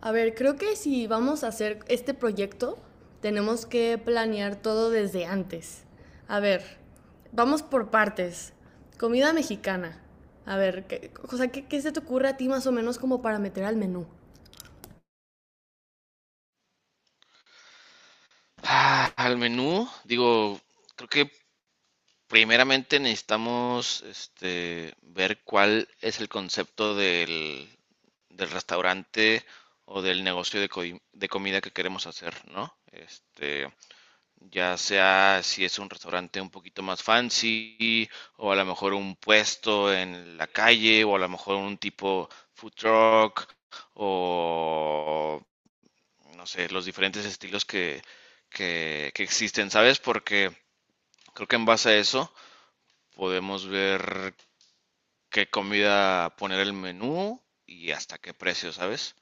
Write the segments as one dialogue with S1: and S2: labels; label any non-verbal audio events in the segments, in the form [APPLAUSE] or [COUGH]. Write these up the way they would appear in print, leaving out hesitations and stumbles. S1: A ver, creo que si vamos a hacer este proyecto, tenemos que planear todo desde antes. A ver, vamos por partes. Comida mexicana. A ver, o sea, ¿qué se te ocurre a ti más o menos como para meter al menú?
S2: Ah, al menú, digo, creo que primeramente necesitamos ver cuál es el concepto del restaurante o del negocio de, de comida que queremos hacer, ¿no? Ya sea si es un restaurante un poquito más fancy o a lo mejor un puesto en la calle o a lo mejor un tipo food truck o no sé, los diferentes estilos que existen, ¿sabes? Porque creo que en base a eso podemos ver qué comida poner el menú y hasta qué precio, ¿sabes?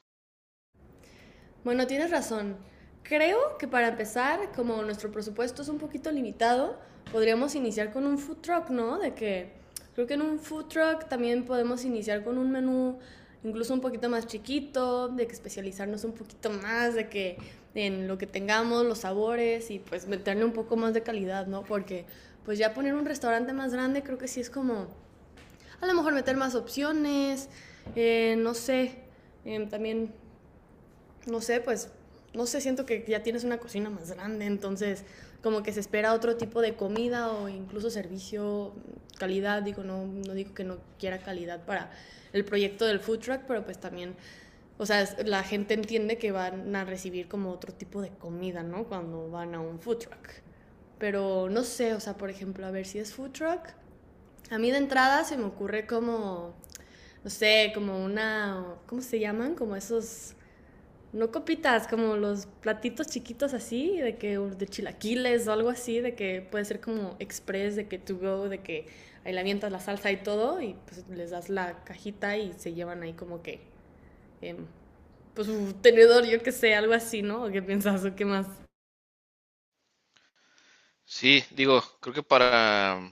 S1: Bueno, tienes razón. Creo que para empezar, como nuestro presupuesto es un poquito limitado, podríamos iniciar con un food truck, ¿no? De que creo que en un food truck también podemos iniciar con un menú incluso un poquito más chiquito, de que especializarnos un poquito más, de que en lo que tengamos, los sabores y pues meterle un poco más de calidad, ¿no? Porque pues ya poner un restaurante más grande creo que sí es como a lo mejor meter más opciones, no sé, también no sé, pues, no sé, siento que ya tienes una cocina más grande, entonces como que se espera otro tipo de comida o incluso servicio, calidad, digo, no, no digo que no quiera calidad para el proyecto del food truck, pero pues también, o sea, la gente entiende que van a recibir como otro tipo de comida, ¿no? Cuando van a un food truck. Pero no sé, o sea, por ejemplo, a ver si es food truck. A mí de entrada se me ocurre como, no sé, como una, ¿cómo se llaman? Como esos no copitas, como los platitos chiquitos así, de que de chilaquiles o algo así, de que puede ser como express, de que to go, de que ahí le avientas la salsa y todo, y pues les das la cajita y se llevan ahí como que, em, pues un tenedor, yo que sé, algo así, ¿no? ¿Qué piensas o qué más?
S2: Sí, digo, creo que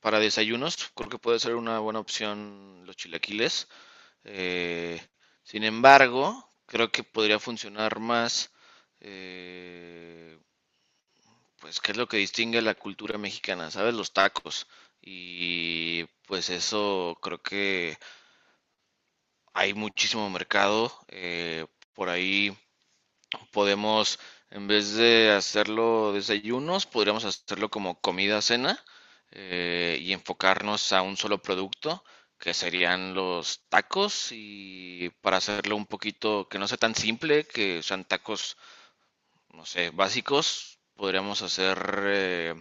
S2: para desayunos, creo que puede ser una buena opción los chilaquiles. Eh, Sin embargo, creo que podría funcionar más eh, pues, ¿qué es lo que distingue la cultura mexicana? ¿Sabes? Los tacos. Y pues eso creo que hay muchísimo mercado. Por ahí podemos, en vez de hacerlo desayunos, podríamos hacerlo como comida, cena, y enfocarnos a un solo producto, que serían los tacos. Y para hacerlo un poquito que no sea tan simple, que sean tacos no sé, básicos, eh,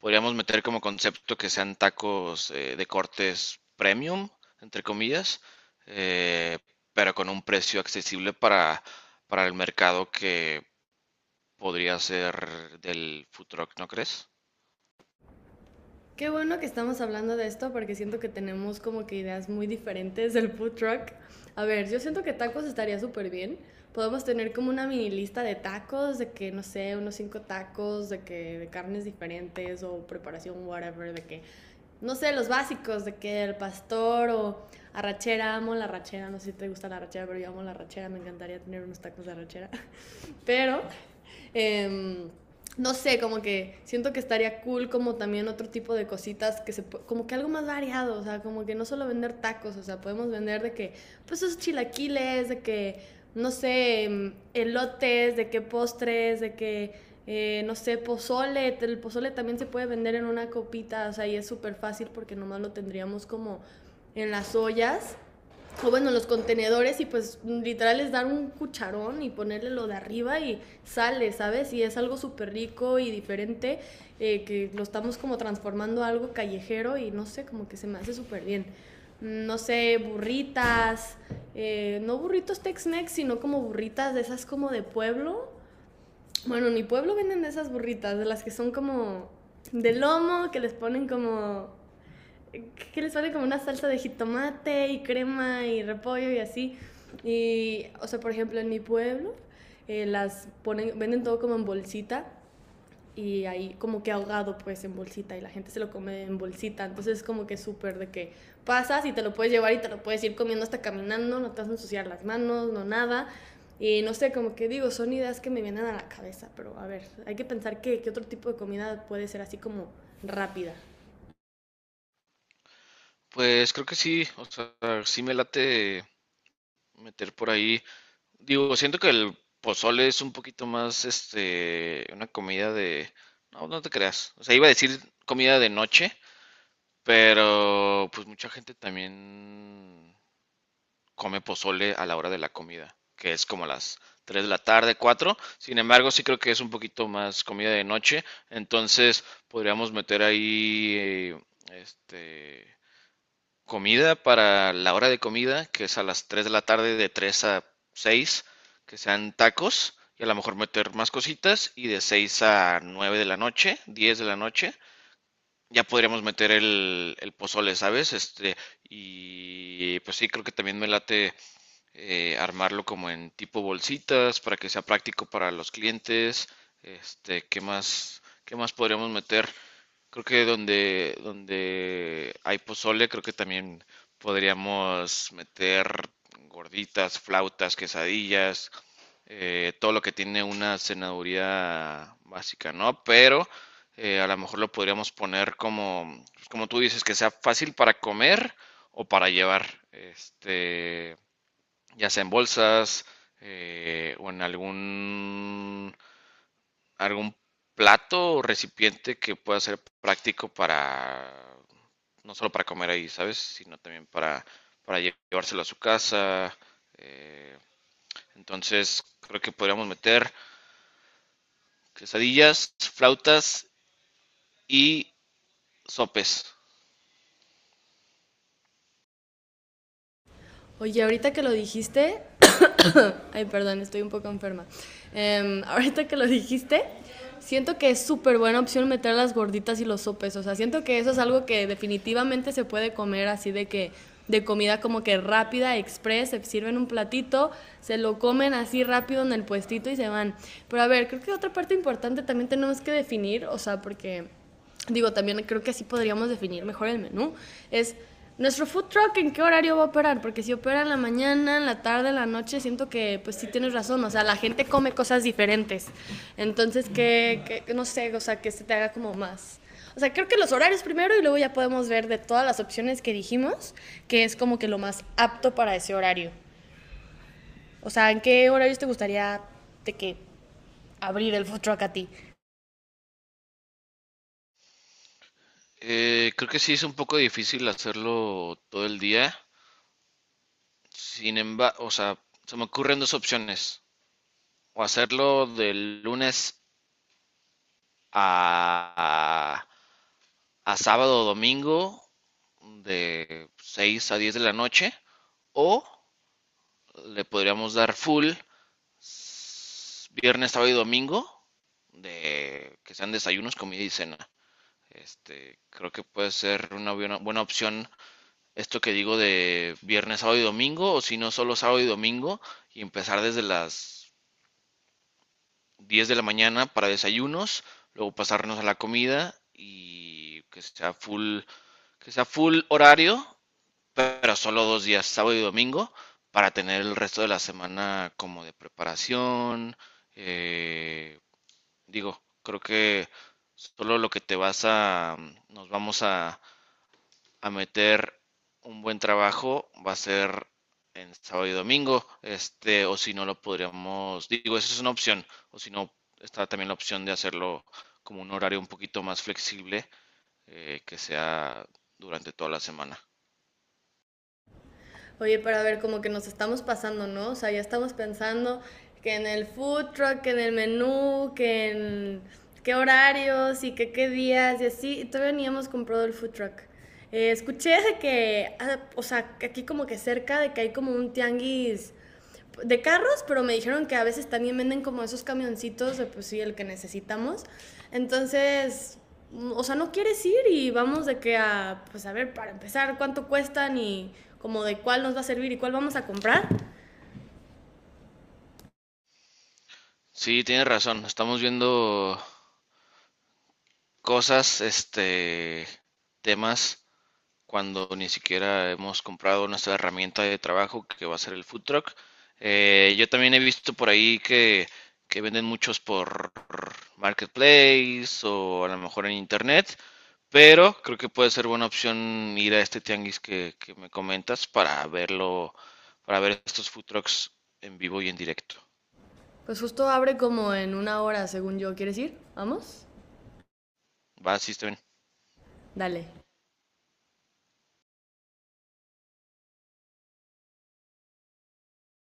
S2: podríamos meter como concepto que sean tacos de cortes premium, entre comillas, eh, pero con un precio accesible para el mercado que podría ser del food truck, ¿no crees?
S1: Qué bueno que estamos hablando de esto porque siento que tenemos como que ideas muy diferentes del food truck. A ver, yo siento que tacos estaría súper bien. Podemos tener como una mini lista de tacos, de que, no sé, unos cinco tacos, de que de carnes diferentes o preparación, whatever, de que, no sé, los básicos, de que el pastor o arrachera, amo la arrachera, no sé si te gusta la arrachera, pero yo amo la arrachera, me encantaría tener unos tacos de arrachera. [LAUGHS] Pero eh, no sé, como que siento que estaría cool como también otro tipo de cositas que se como que algo más variado, o sea, como que no solo vender tacos, o sea, podemos vender de que pues esos chilaquiles, de que no sé, elotes, de que postres, de que no sé, pozole, el pozole también se puede vender en una copita, o sea, y es súper fácil porque nomás lo tendríamos como en las ollas o bueno, los contenedores y pues literal es dar un cucharón y ponerle lo de arriba y sale, ¿sabes? Y es algo súper rico y diferente que lo estamos como transformando a algo callejero y no sé, como que se me hace súper bien. No sé, burritas, no burritos Tex-Mex, sino como burritas de esas como de pueblo. Bueno, en mi pueblo venden de esas burritas, de las que son como de lomo, que les ponen como que les sale como una salsa de jitomate y crema y repollo y así. Y, o sea, por ejemplo, en mi pueblo las ponen, venden todo como en bolsita y ahí como que ahogado pues en bolsita y la gente se lo come en bolsita. Entonces es como que súper de que pasas y te lo puedes llevar y te lo puedes ir comiendo hasta caminando, no te vas a ensuciar las manos, no nada. Y no sé, como que digo, son ideas que me vienen a la cabeza, pero a ver, hay que pensar que otro tipo de comida puede ser así como rápida.
S2: Pues creo que sí, o sea, sí me late meter por ahí. Digo, siento que el pozole es un poquito más, una comida de... No, no te creas. O sea, iba a decir comida de noche, pero pues mucha gente también come pozole a la hora de la comida, que es como las 3 de la tarde, cuatro. Sin embargo, sí creo que es un poquito más comida de noche, entonces podríamos meter ahí este comida para la hora de comida, que es a las 3 de la tarde, de 3 a 6 que sean tacos y a lo mejor meter más cositas, y de 6 a 9 de la noche, 10 de la noche ya podríamos meter el pozole, ¿sabes? Y pues sí, creo que también me late armarlo como en tipo bolsitas para que sea práctico para los clientes. Este, qué más podríamos meter? Creo que donde hay pozole, creo que también podríamos meter gorditas, flautas, quesadillas, todo lo que tiene una cenaduría básica, ¿no? Pero a lo mejor lo podríamos poner como, pues, como tú dices, que sea fácil para comer o para llevar. Este, ya sea en bolsas o en algún plato o recipiente que pueda ser práctico no solo para comer ahí, ¿sabes? Sino también para llevárselo a su casa. eh, entonces, creo que podríamos meter quesadillas, flautas y sopes.
S1: Oye, ahorita que lo dijiste, [COUGHS] ay, perdón, estoy un poco enferma. [LAUGHS] Ahorita que lo dijiste, siento que es súper buena opción meter las gorditas y los sopes. O sea, siento que eso es algo que definitivamente se puede comer así de que de comida como que rápida, express, se sirven un platito, se lo comen así rápido en el puestito y se van. Pero a ver, creo que otra parte importante también tenemos que definir, o sea, porque digo, también creo que así podríamos definir mejor el menú, es nuestro food truck en qué horario va a operar, porque si opera en la mañana, en la tarde, en la noche, siento que pues sí tienes razón, o sea, la gente come cosas diferentes, entonces que no sé, o sea, que se te haga como más. O sea, creo que los horarios primero y luego ya podemos ver de todas las opciones que dijimos, que es como que lo más apto para ese horario. O sea, ¿en qué horarios te gustaría de que abrir el food truck a ti?
S2: Creo que sí es un poco difícil hacerlo todo el día. Sin embargo, o sea, se me ocurren dos opciones. O hacerlo del lunes a, a sábado o domingo de 6 a 10 de la noche, o le podríamos dar full viernes, sábado y domingo, de que sean desayunos, comida y cena. Este, creo que puede ser una buena opción esto que digo de viernes, sábado y domingo, o si no solo sábado y domingo, y empezar desde las 10 de la mañana para desayunos, luego pasarnos a la comida y que sea full horario, pero solo dos días, sábado y domingo, para tener el resto de la semana como de preparación. eh, Digo, creo que solo lo que te vas a, nos vamos a meter un buen trabajo va a ser en sábado y domingo, este, o si no lo podríamos, digo, esa es una opción, o si no, está también la opción de hacerlo como un horario un poquito más flexible, que sea durante toda la semana.
S1: Oye, pero a ver, como que nos estamos pasando, ¿no? O sea, ya estamos pensando que en el food truck, que en el menú, que en qué horarios y que qué días y así, y todavía ni hemos comprado el food truck. Escuché de que, ah, o sea, aquí como que cerca de que hay como un tianguis de carros, pero me dijeron que a veces también venden como esos camioncitos de pues sí, el que necesitamos. Entonces, o sea, no quieres ir y vamos de que a, pues a ver, para empezar, cuánto cuestan y como de cuál nos va a servir y cuál vamos a comprar.
S2: Sí, tienes razón, estamos viendo cosas, temas, cuando ni siquiera hemos comprado nuestra herramienta de trabajo que va a ser el food truck. Yo también he visto por ahí que venden muchos por marketplace o a lo mejor en internet, pero creo que puede ser buena opción ir a este tianguis que me comentas para verlo, para ver estos food trucks en vivo y en directo.
S1: Pues justo abre como en una hora, según yo. ¿Quieres ir? ¿Vamos?
S2: ¿Va, System
S1: Dale.